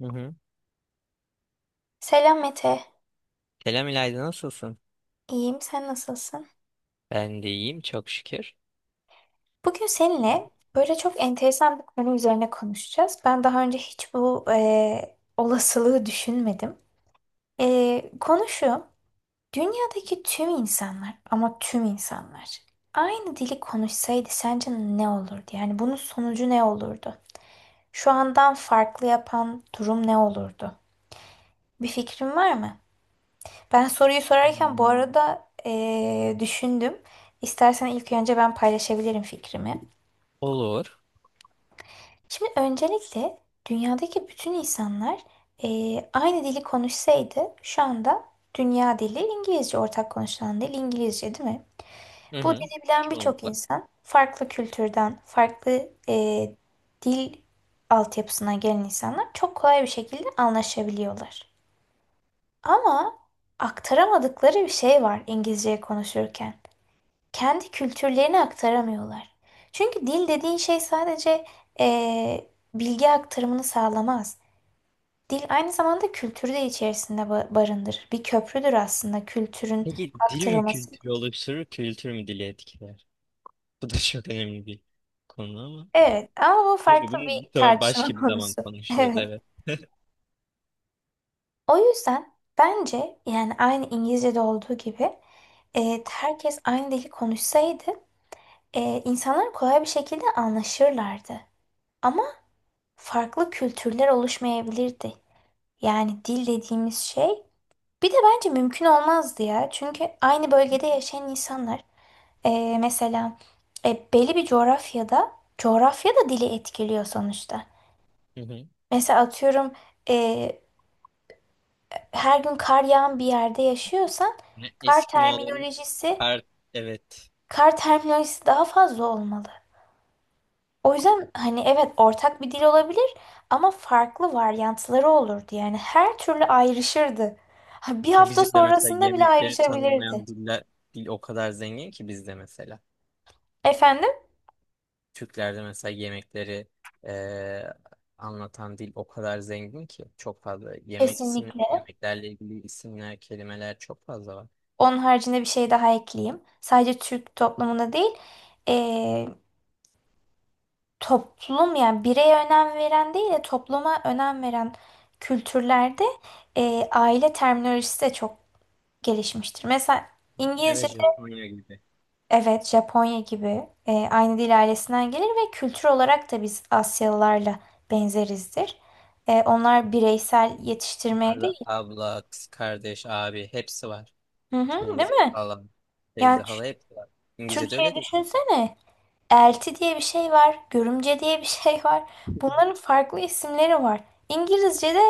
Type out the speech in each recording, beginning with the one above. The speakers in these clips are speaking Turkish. Hı hı. Selam Mete. Selam İlayda, nasılsın? İyiyim, sen nasılsın? Ben de iyiyim, çok şükür. Bugün Evet. seninle böyle çok enteresan bir konu üzerine konuşacağız. Ben daha önce hiç bu olasılığı düşünmedim. E, konu şu, dünyadaki tüm insanlar ama tüm insanlar aynı dili konuşsaydı sence ne olurdu? Yani bunun sonucu ne olurdu? Şu andan farklı yapan durum ne olurdu? Bir fikrin var mı? Ben soruyu sorarken bu Hmm. arada düşündüm. İstersen ilk önce ben paylaşabilirim fikrimi. Olur. Şimdi öncelikle dünyadaki bütün insanlar aynı dili konuşsaydı şu anda dünya dili İngilizce, ortak konuşulan dil İngilizce değil mi? Hı Bu hı. dili bilen birçok Çoğunlukla. insan farklı kültürden, farklı eee, dil altyapısına gelen insanlar çok kolay bir şekilde anlaşabiliyorlar. Ama aktaramadıkları bir şey var İngilizce konuşurken. Kendi kültürlerini aktaramıyorlar. Çünkü dil dediğin şey sadece eee, bilgi aktarımını sağlamaz. Dil aynı zamanda kültürü de içerisinde barındırır. Bir köprüdür aslında kültürün Peki dil mi aktarılması. kültürü oluşturur, kültür mü dili etkiler? Bu da çok önemli bir konu ama. Evet, ama bu Neyse, farklı bunu bir bir sonra tartışma başka bir zaman konusu. konuşuruz, Evet. evet. O yüzden bence yani aynı İngilizce'de olduğu gibi herkes aynı dili konuşsaydı insanlar kolay bir şekilde anlaşırlardı. Ama farklı kültürler oluşmayabilirdi. Yani dil dediğimiz şey bir de bence mümkün olmazdı ya. Çünkü aynı bölgede yaşayan insanlar mesela belli bir coğrafyada, coğrafya da dili etkiliyor sonuçta. Hı hı. Mesela atıyorum, e, her gün kar yağan bir yerde yaşıyorsan Ne, kar Eskimoların terminolojisi her, evet. kar terminolojisi daha fazla olmalı. O yüzden hani evet, ortak bir dil olabilir ama farklı varyantları olurdu. Yani her türlü ayrışırdı. Ha, Bir hafta Bizim de mesela sonrasında bile yemekleri ayrışabilirdi. tanımlayan diller, dil o kadar zengin ki bizde mesela. Efendim? Türklerde mesela yemekleri e, anlatan dil o kadar zengin ki çok fazla yemek ismi, Kesinlikle. yemeklerle ilgili isimler, kelimeler çok fazla var. Onun haricinde bir şey daha ekleyeyim. Sadece Türk toplumunda değil, eee, toplum yani bireye önem veren değil de topluma önem veren kültürlerde aile terminolojisi de çok gelişmiştir. Mesela Evet, İngilizce, Japonya gibi. evet Japonya gibi, aynı dil ailesinden gelir ve kültür olarak da biz Asyalılarla benzerizdir. Onlar bireysel yetiştirmeye değil. Onlarda abla, kız kardeş, abi hepsi var. Hı hı, değil Teyze, mi? hala, Yani teyze, hala hepsi var. İngilizce'de öyle Türkçe'yi değil. düşünsene. Elti diye bir şey var, görümce diye bir şey var. Bunların farklı isimleri var. İngilizce'de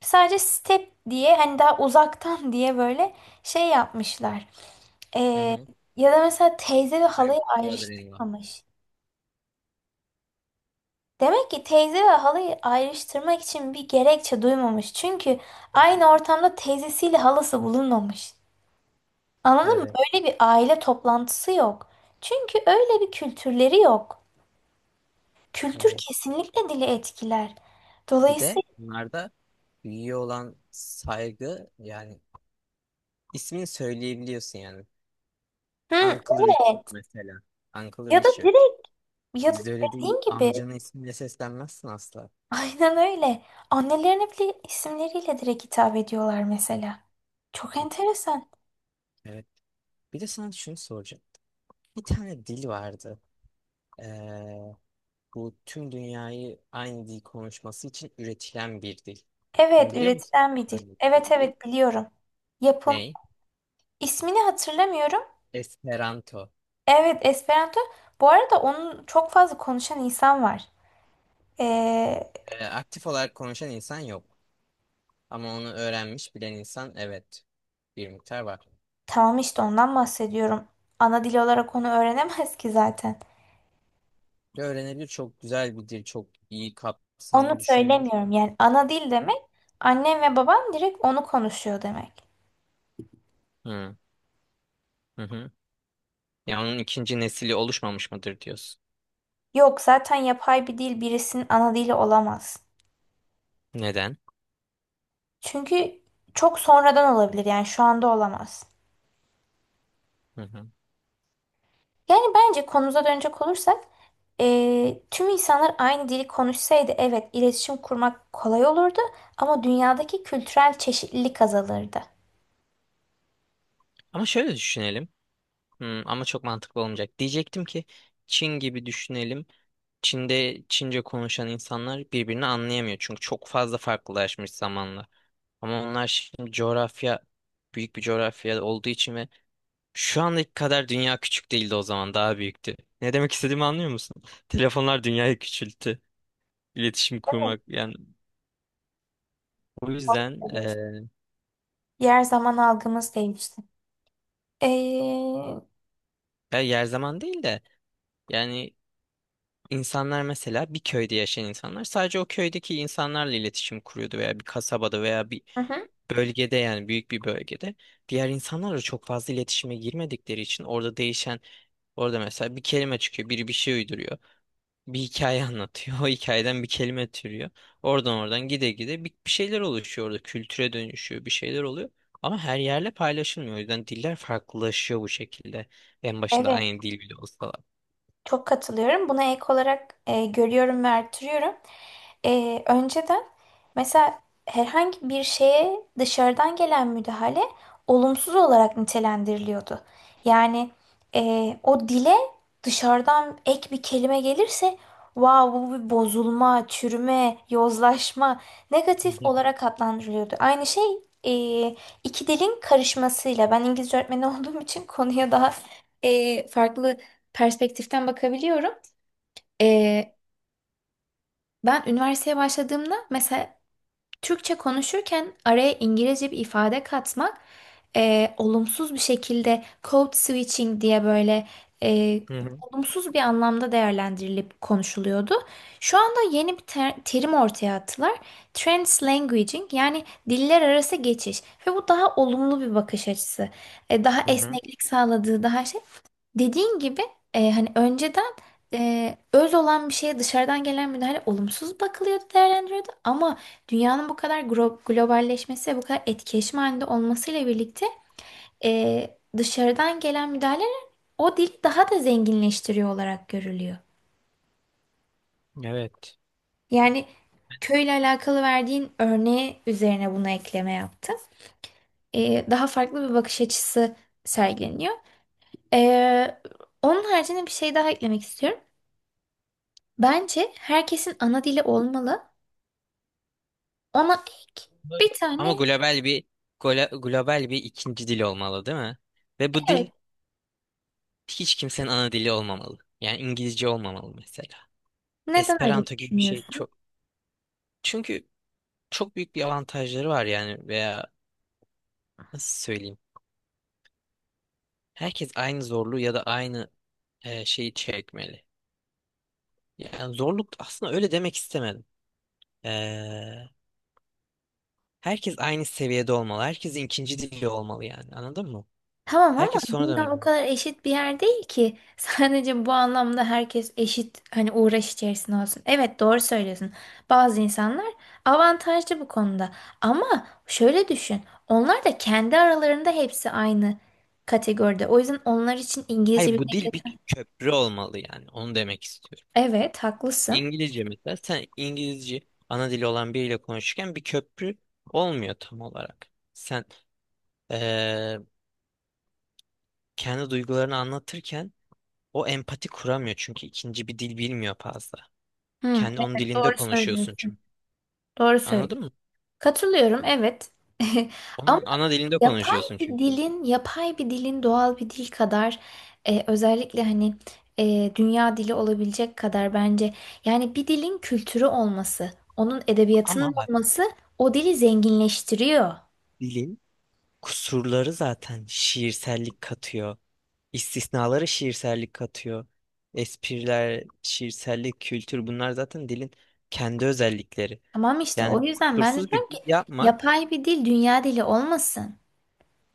sadece step diye, hani daha uzaktan diye böyle şey yapmışlar. Hı Ee, hı. ya da mesela teyze ve My halayı brother in law. ayrıştırmamış. Demek ki teyze ve halayı ayrıştırmak için bir gerekçe duymamış. Çünkü Hı hı. aynı ortamda teyzesiyle halası bulunmamış. Anladın mı? Evet, Öyle bir aile toplantısı yok. Çünkü öyle bir kültürleri yok. Kültür evet. kesinlikle dili etkiler. Bir de Dolayısıyla bunlarda büyüğe olan saygı, yani ismini söyleyebiliyorsun yani. hı, Uncle Richard evet, mesela. Uncle ya da Richard. direkt, ya da Bizde öyle değil. dediğin gibi Amcanın ismiyle seslenmezsin asla. aynen öyle. Annelerine bile isimleriyle direkt hitap ediyorlar mesela. Çok enteresan. Evet. Bir de sana şunu soracağım. Bir tane dil vardı. Ee, bu tüm dünyayı aynı dil konuşması için üretilen bir dil. Bunu Evet, biliyor musun? üretilen bir dil. Evet Bir dil. evet, biliyorum. Yapım Ney? ismini hatırlamıyorum. Esperanto. Evet, Esperanto. Bu arada onun çok fazla konuşan insan var. Ee, Aktif olarak konuşan insan yok. Ama onu öğrenmiş bilen insan, evet. Bir miktar var. tamam işte ondan bahsediyorum. Ana dil olarak onu öğrenemez ki zaten. Ve öğrenebilir, çok güzel bir dil. Çok iyi Onu kapsamlı düşünülmüş. söylemiyorum, yani ana dil demek annem ve babam direkt onu konuşuyor demek. Hı hı. Hı. Ya onun ikinci nesili oluşmamış mıdır diyorsun. Yok, zaten yapay bir dil birisinin ana dili olamaz. Neden? Çünkü çok sonradan olabilir, yani şu anda olamaz. Hı hı. Yani bence konumuza dönecek olursak, tüm insanlar aynı dili konuşsaydı evet, iletişim kurmak kolay olurdu ama dünyadaki kültürel çeşitlilik azalırdı. Ama şöyle düşünelim. Hmm, ama çok mantıklı olmayacak. Diyecektim ki Çin gibi düşünelim. Çin'de Çince konuşan insanlar birbirini anlayamıyor. Çünkü çok fazla farklılaşmış zamanla. Ama onlar şimdi coğrafya, büyük bir coğrafya olduğu için ve şu andaki kadar dünya küçük değildi, o zaman daha büyüktü. Ne demek istediğimi anlıyor musun? Telefonlar dünyayı küçülttü. İletişim kurmak yani, o yüzden Ne diyorsun? Yer zaman algımız değişti. Eee, ya yer zaman değil de yani İnsanlar mesela bir köyde yaşayan insanlar sadece o köydeki insanlarla iletişim kuruyordu veya bir kasabada veya bir hı hı, bölgede, yani büyük bir bölgede diğer insanlarla çok fazla iletişime girmedikleri için orada değişen, orada mesela bir kelime çıkıyor, biri bir şey uyduruyor, bir hikaye anlatıyor, o hikayeden bir kelime türüyor, oradan oradan gide gide bir şeyler oluşuyor, orada kültüre dönüşüyor, bir şeyler oluyor ama her yerle paylaşılmıyor, o yüzden diller farklılaşıyor bu şekilde, en başında evet. aynı dil bile olsa. Çok katılıyorum. Buna ek olarak görüyorum ve artırıyorum. Önceden mesela herhangi bir şeye dışarıdan gelen müdahale olumsuz olarak nitelendiriliyordu. Yani e, o dile dışarıdan ek bir kelime gelirse wow, bu bir bozulma, çürüme, yozlaşma, negatif olarak adlandırılıyordu. Aynı şey e, iki dilin karışmasıyla, ben İngilizce öğretmeni olduğum için konuya daha farklı perspektiften bakabiliyorum. E, ben üniversiteye başladığımda mesela Türkçe konuşurken araya İngilizce bir ifade katmak olumsuz bir şekilde code switching diye böyle e, Hı hı. olumsuz bir anlamda değerlendirilip konuşuluyordu. Şu anda yeni bir terim ortaya attılar. Translanguaging, yani diller arası geçiş ve bu daha olumlu bir bakış açısı. Daha Hı hı. esneklik sağladığı, daha şey. Dediğin gibi hani önceden öz olan bir şeye dışarıdan gelen müdahale olumsuz bakılıyordu, değerlendiriyordu. Ama dünyanın bu kadar globalleşmesi ve bu kadar etkileşim halinde olmasıyla birlikte dışarıdan gelen müdahaleler o dili daha da zenginleştiriyor olarak görülüyor. Evet. Yani köyle alakalı verdiğin örneği üzerine buna ekleme yaptım. Daha farklı bir bakış açısı sergileniyor. E, onun haricinde bir şey daha eklemek istiyorum. Bence herkesin ana dili olmalı. Ona ek Bu- bir Ama tane, global bir, global bir ikinci dil olmalı, değil mi? Ve bu dil evet. hiç kimsenin ana dili olmamalı. Yani İngilizce olmamalı mesela. Neden öyle Esperanto gibi bir şey düşünüyorsun? çok. Çünkü çok büyük bir avantajları var yani, veya nasıl söyleyeyim. Herkes aynı zorluğu ya da aynı şeyi çekmeli. Yani zorluk, aslında öyle demek istemedim. Eee, herkes aynı seviyede olmalı. Herkesin ikinci dili olmalı yani. Anladın mı? Tamam ama Herkes sonradan dünya o öğreniyor. kadar eşit bir yer değil ki. Sadece bu anlamda herkes eşit hani uğraş içerisinde olsun. Evet, doğru söylüyorsun. Bazı insanlar avantajlı bu konuda. Ama şöyle düşün. Onlar da kendi aralarında hepsi aynı kategoride. O yüzden onlar için İngilizce Hayır, bu bilmek dil yeter. bir köprü olmalı yani. Onu demek istiyorum. Evet, haklısın. İngilizce mesela, sen İngilizce ana dili olan biriyle konuşurken bir köprü olmuyor tam olarak. Sen eee, kendi duygularını anlatırken o empati kuramıyor, çünkü ikinci bir dil bilmiyor fazla. Hı, Kendi, onun evet, dilinde doğru konuşuyorsun söylüyorsun. çünkü. Doğru Anladın söylüyorsun. mı? Katılıyorum, evet. Ama Onun ana dilinde yapay konuşuyorsun bir çünkü. dilin, yapay bir dilin doğal bir dil kadar özellikle hani dünya dili olabilecek kadar bence, yani bir dilin kültürü olması, onun edebiyatının Ama bak, olması o dili zenginleştiriyor. dilin kusurları zaten şiirsellik katıyor. İstisnaları şiirsellik katıyor. Espriler, şiirsellik, kültür, bunlar zaten dilin kendi özellikleri. Tamam işte, Yani o yüzden ben de kusursuz diyorum bir ki dil yapmak yapay bir dil dünya dili olmasın.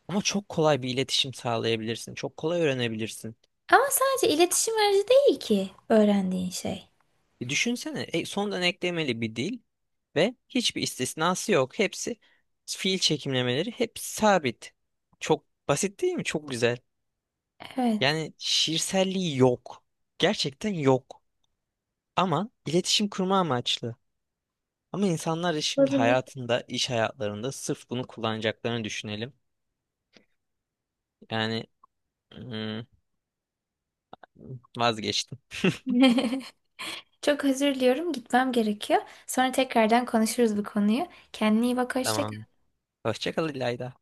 ama çok kolay bir iletişim sağlayabilirsin. Çok kolay öğrenebilirsin. Ama sadece iletişim aracı değil ki öğrendiğin şey. Düşünsene, sondan eklemeli bir dil ve hiçbir istisnası yok. Hepsi, fiil çekimlemeleri hep sabit. Çok basit değil mi? Çok güzel. Evet, Yani şiirselliği yok. Gerçekten yok. Ama iletişim kurma amaçlı. Ama insanlar da şimdi olabilir. hayatında, iş hayatlarında sırf bunu kullanacaklarını düşünelim. Yani, hmm, vazgeçtim. Çok özür diliyorum, gitmem gerekiyor. Sonra tekrardan konuşuruz bu konuyu. Kendine iyi bak, hoşça Tamam. kal. Hoşça kal İlayda.